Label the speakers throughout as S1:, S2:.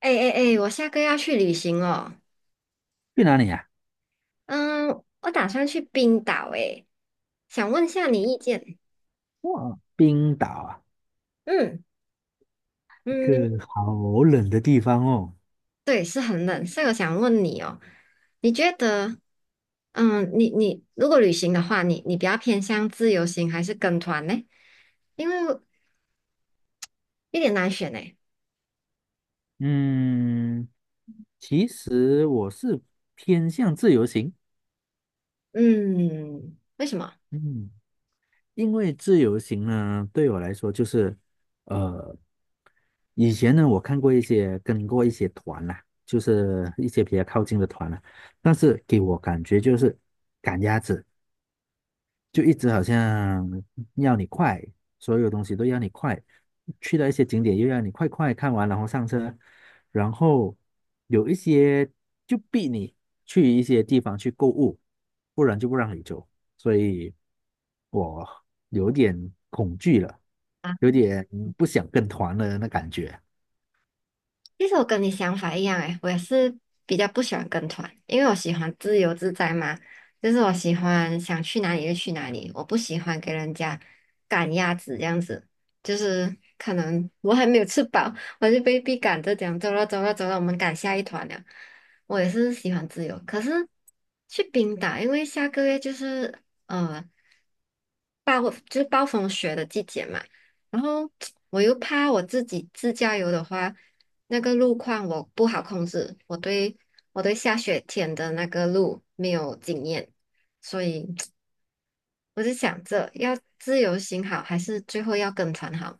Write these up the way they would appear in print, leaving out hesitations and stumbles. S1: 哎哎哎，我下个月要去旅行哦。
S2: 去哪里啊？
S1: 嗯，我打算去冰岛哎，想问下你意见。
S2: 哇，冰岛啊，
S1: 嗯
S2: 一个
S1: 嗯，
S2: 好冷的地方哦。
S1: 对，是很冷，所以我想问你哦，你觉得，你如果旅行的话，你比较偏向自由行还是跟团呢？因为有点难选哎。
S2: 嗯，其实我是偏向自由行，
S1: 嗯，为什么？
S2: 嗯，因为自由行呢，对我来说就是，呃，以前呢，我看过一些跟过一些团啦、就是一些比较靠近的团啦、但是给我感觉就是赶鸭子。就一直好像要你快，所有东西都要你快，去到一些景点又要你快快看完，然后上车，然后有一些就逼你去一些地方去购物，不然就不让你走，所以我有点恐惧了，有点不想跟团了那感觉。
S1: 其实我跟你想法一样诶，我也是比较不喜欢跟团，因为我喜欢自由自在嘛，就是我喜欢想去哪里就去哪里，我不喜欢给人家赶鸭子这样子，就是可能我还没有吃饱，我就被逼赶着讲走了走了走了，我们赶下一团了。我也是喜欢自由，可是去冰岛，因为下个月就是呃暴风雪的季节嘛，然后 我又怕我自己自驾游的话。那个路况我不好控制，我对下雪天的那个路没有经验，所以 我就想着要自由行好，还是最后要跟团好？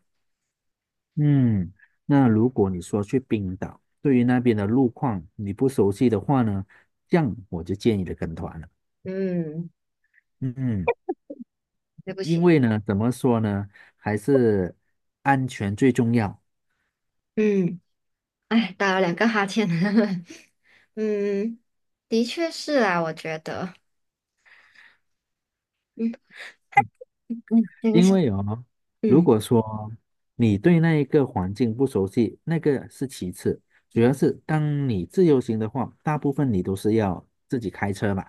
S2: 嗯，那如果你说去冰岛，对于那边的路况你不熟悉的话呢，这样我就建议你跟团了。
S1: 嗯，
S2: 嗯。
S1: 对不
S2: 因
S1: 起。
S2: 为呢，怎么说呢，还是安全最重要。
S1: 嗯，哎，打了两个哈欠，嗯，的确是啊，我觉得，嗯嗯，对不
S2: 因嗯
S1: 起。
S2: 为哦，如
S1: 嗯，
S2: 果说你对那一个环境不熟悉，那个是其次，主要是当你自由行的话，大部分你都是要自己开车嘛。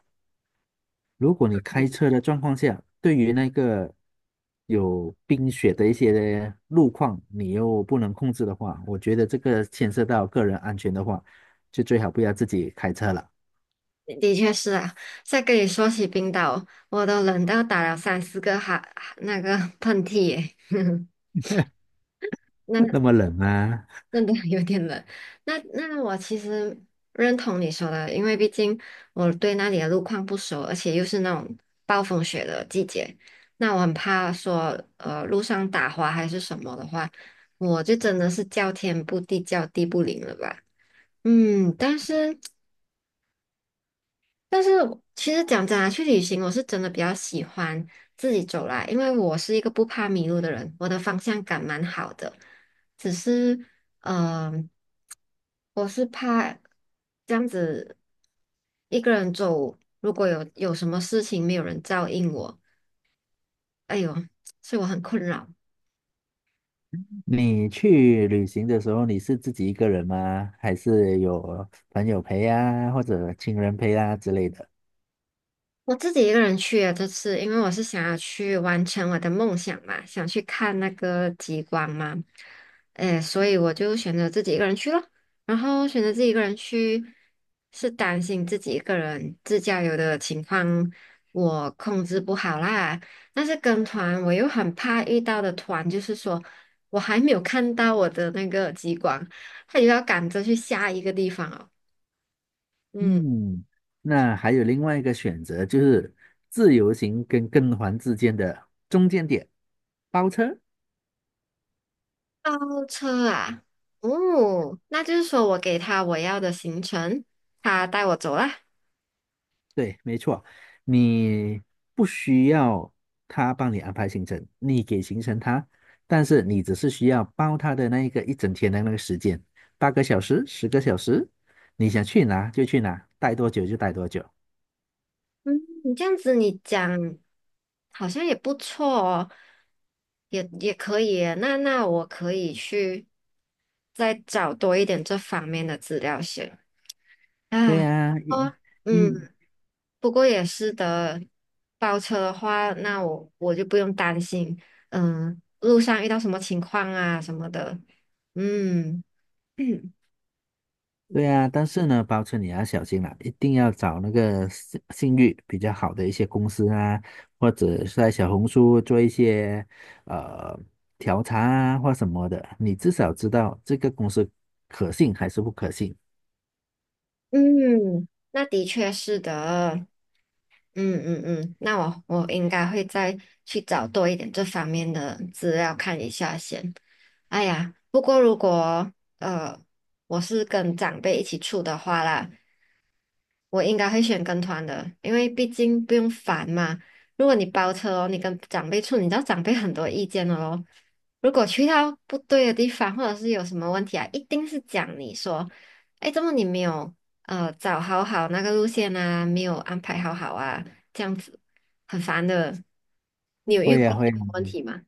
S2: 如果你开车的状况下，对于那个有冰雪的一些路况，你又不能控制的话，我觉得这个牵涉到个人安全的话，就最好不要自己开车了，
S1: 的确是啊。再跟你说起冰岛，我都冷到打了三四个哈那个喷嚏耶。
S2: 那
S1: 那
S2: 么冷啊。
S1: 真的 有点冷。那我其实认同你说的，因为毕竟我对那里的路况不熟，而且又是那种暴风雪的季节，那我很怕说路上打滑还是什么的话，我就真的是叫天不地叫地不灵了吧。嗯，但是其实讲真啊，去旅行我是真的比较喜欢自己走啦，因为我是一个不怕迷路的人，我的方向感蛮好的，只是。嗯、呃我是怕这样子一个人走，如果有什么事情没有人照应我，哎呦，所以我很困扰。
S2: 你去旅行的时候，你是自己一个人吗？还是有朋友陪啊，或者亲人陪啊之类的？
S1: 我自己一个人去啊，这次，因为我是想要去完成我的梦想嘛，想去看那个极光嘛，诶，所以我就选择自己一个人去了。然后选择自己一个人去，是担心自己一个人自驾游的情况我控制不好啦。但是跟团我又很怕遇到的团，就是说我还没有看到我的那个极光，他就要赶着去下一个地方哦。嗯。
S2: 嗯，那还有另外一个选择，就是自由行跟跟团之间的中间点，包车。
S1: 包车啊，哦，那就是说我给他我要的行程，他带我走啦。
S2: 对，没错，你不需要他帮你安排行程，你给行程他，但是你只是需要包他的那一个一整天的那个时间，8个小时、10个小时，你想去哪就去哪，待多久就待多久。
S1: 嗯，你这样子你讲好像也不错哦，也可以耶，那我可以去再找多一点这方面的资料先。
S2: 对
S1: 啊，
S2: 呀、
S1: 哦，
S2: 因
S1: 嗯，不过也是的，包车的话，那我就不用担心，嗯，路上遇到什么情况啊什么的，嗯。
S2: 对啊，但是呢，包车你要小心啦，一定要找那个信誉比较好的一些公司啊，或者是在小红书做一些呃调查啊或什么的，你至少知道这个公司可信还是不可信。
S1: 嗯，那的确是的，嗯，那我应该会再去找多一点这方面的资料看一下先。哎呀，不过如果呃我是跟长辈一起住的话啦，我应该会选跟团的，因为毕竟不用烦嘛。如果你包车哦，你跟长辈处，你知道长辈很多意见的咯。如果去到不对的地方，或者是有什么问题啊，一定是讲你说，哎，怎么你没有找好好那个路线啊，没有安排好好啊，这样子很烦的。你有遇
S2: 会
S1: 过
S2: 呀，
S1: 这
S2: 会呀，
S1: 样的问题吗？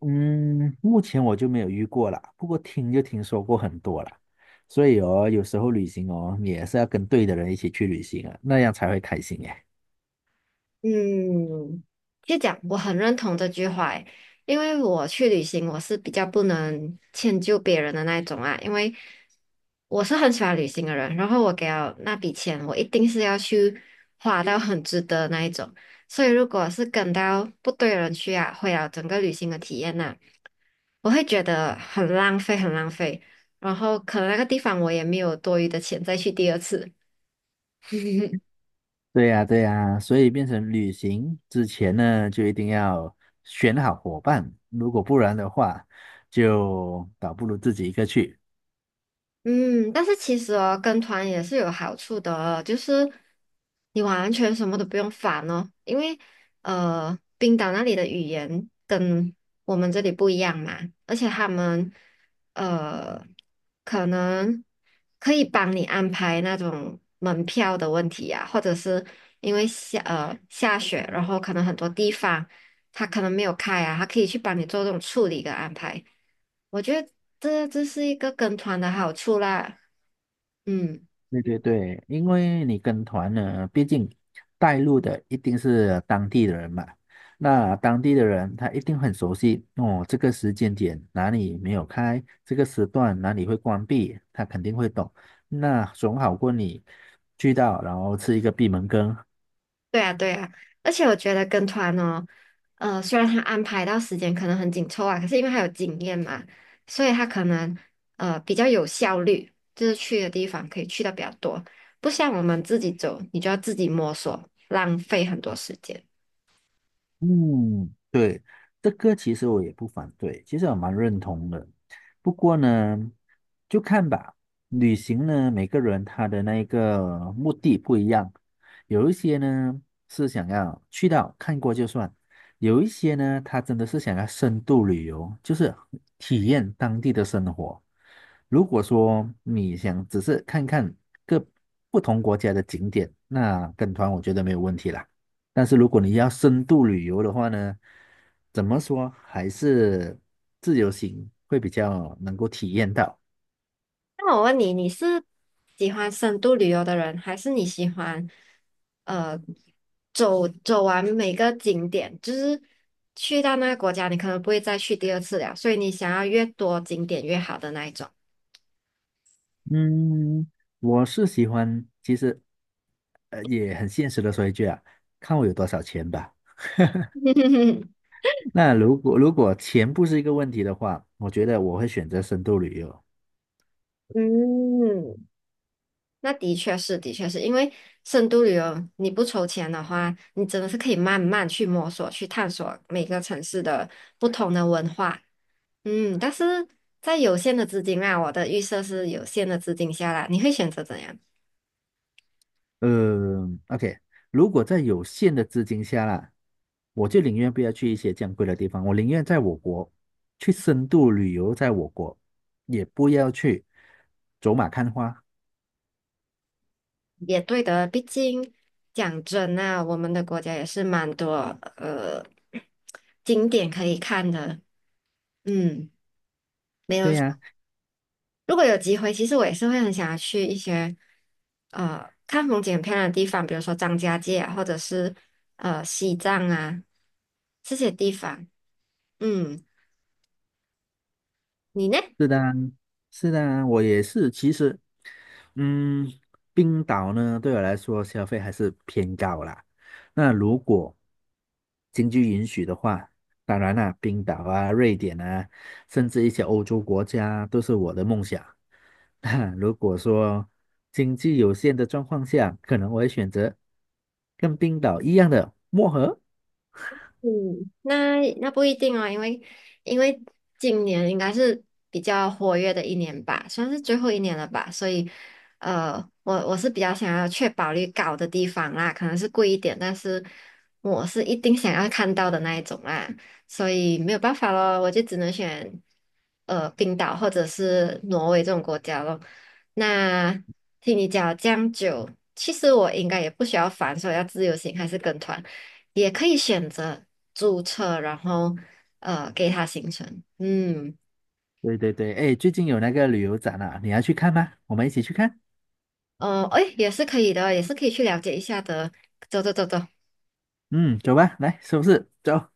S2: 嗯，目前我就没有遇过啦，不过就听说过很多啦，所以哦，有时候旅行哦，你也是要跟对的人一起去旅行啊，那样才会开心耶。
S1: 嗯，就讲我很认同这句话诶，因为我去旅行，我是比较不能迁就别人的那一种啊，因为我是很喜欢旅行的人，然后我给了那笔钱，我一定是要去花到很值得那一种，所以如果是跟到不对的人去啊，毁了整个旅行的体验呐、我会觉得很浪费，很浪费，然后可能那个地方我也没有多余的钱再去第二次。
S2: 对呀，对呀，所以变成旅行之前呢，就一定要选好伙伴，如果不然的话，就倒不如自己一个去。
S1: 嗯，但是其实哦，跟团也是有好处的哦，就是你完全什么都不用烦哦，因为冰岛那里的语言跟我们这里不一样嘛，而且他们呃，可能可以帮你安排那种门票的问题呀、或者是因为下雪，然后可能很多地方。他可能没有开啊，他可以去帮你做这种处理跟安排。我觉得这是一个跟团的好处啦。嗯，
S2: 对对对，因为你跟团呢，毕竟带路的一定是当地的人嘛，那当地的人他一定很熟悉哦，这个时间点哪里没有开，这个时段哪里会关闭，他肯定会懂，那总好过你去到然后吃一个闭门羹，
S1: 对啊，对啊，而且我觉得跟团哦，虽然他安排到时间可能很紧凑啊，可是因为他有经验嘛，所以他可能比较有效率，就是去的地方可以去的比较多，不像我们自己走，你就要自己摸索，浪费很多时间。
S2: 嗯，对，这个其实我也不反对，其实我蛮认同的。不过呢，就看吧，旅行呢，每个人他的那个目的不一样，有一些呢是想要去到看过就算，有一些呢他真的是想要深度旅游，就是体验当地的生活。如果说你想只是看看各不同国家的景点，那跟团我觉得没有问题啦。但是如果你要深度旅游的话呢，怎么说还是自由行会比较能够体验到。
S1: 那我问你，你是喜欢深度旅游的人，还是你喜欢呃走走完每个景点？就是去到那个国家，你可能不会再去第二次了，所以你想要越多景点越好的那一种。
S2: 嗯，我是喜欢，其实也很现实的说一句啊，看我有多少钱吧。那如果钱不是一个问题的话，我觉得我会选择深度旅游。
S1: 嗯，那的确是，的确是因为深度旅游，你不筹钱的话，你真的是可以慢慢去摸索、去探索每个城市的不同的文化。嗯，但是在有限的资金啊，我的预设是有限的资金下啦，你会选择怎样？
S2: 嗯，OK，如果在有限的资金下啦，我就宁愿不要去一些这样贵的地方，我宁愿在我国去深度旅游，在我国，也不要去走马看花。
S1: 也对的，毕竟讲真啊，我们的国家也是蛮多呃景点可以看的。嗯，没
S2: 对
S1: 有错，
S2: 呀、
S1: 如果有机会，其实我也是会很想要去一些看风景很漂亮的地方，比如说张家界啊，或者是西藏啊这些地方。嗯，你呢？
S2: 是的啊是的啊我也是。其实，嗯，冰岛呢，对我来说消费还是偏高啦。那如果经济允许的话，当然啦、冰岛啊、瑞典啊，甚至一些欧洲国家都是我的梦想。那如果说经济有限的状况下，可能我会选择跟冰岛一样的漠河。
S1: 嗯，那那不一定哦，因为因为今年应该是比较活跃的一年吧，算是最后一年了吧，所以呃，我是比较想要确保率高的地方啦，可能是贵一点，但是我是一定想要看到的那一种啦，所以没有办法咯，我就只能选冰岛或者是挪威这种国家咯。那听你讲了这样久，其实我应该也不需要烦说要自由行还是跟团。也可以选择注册，然后给它行程，嗯，
S2: 对对对，哎，最近有那个旅游展啊，你要去看吗？我们一起去看。
S1: 哎，也是可以的，也是可以去了解一下的。走走走走。
S2: 嗯，走吧，来收拾，走。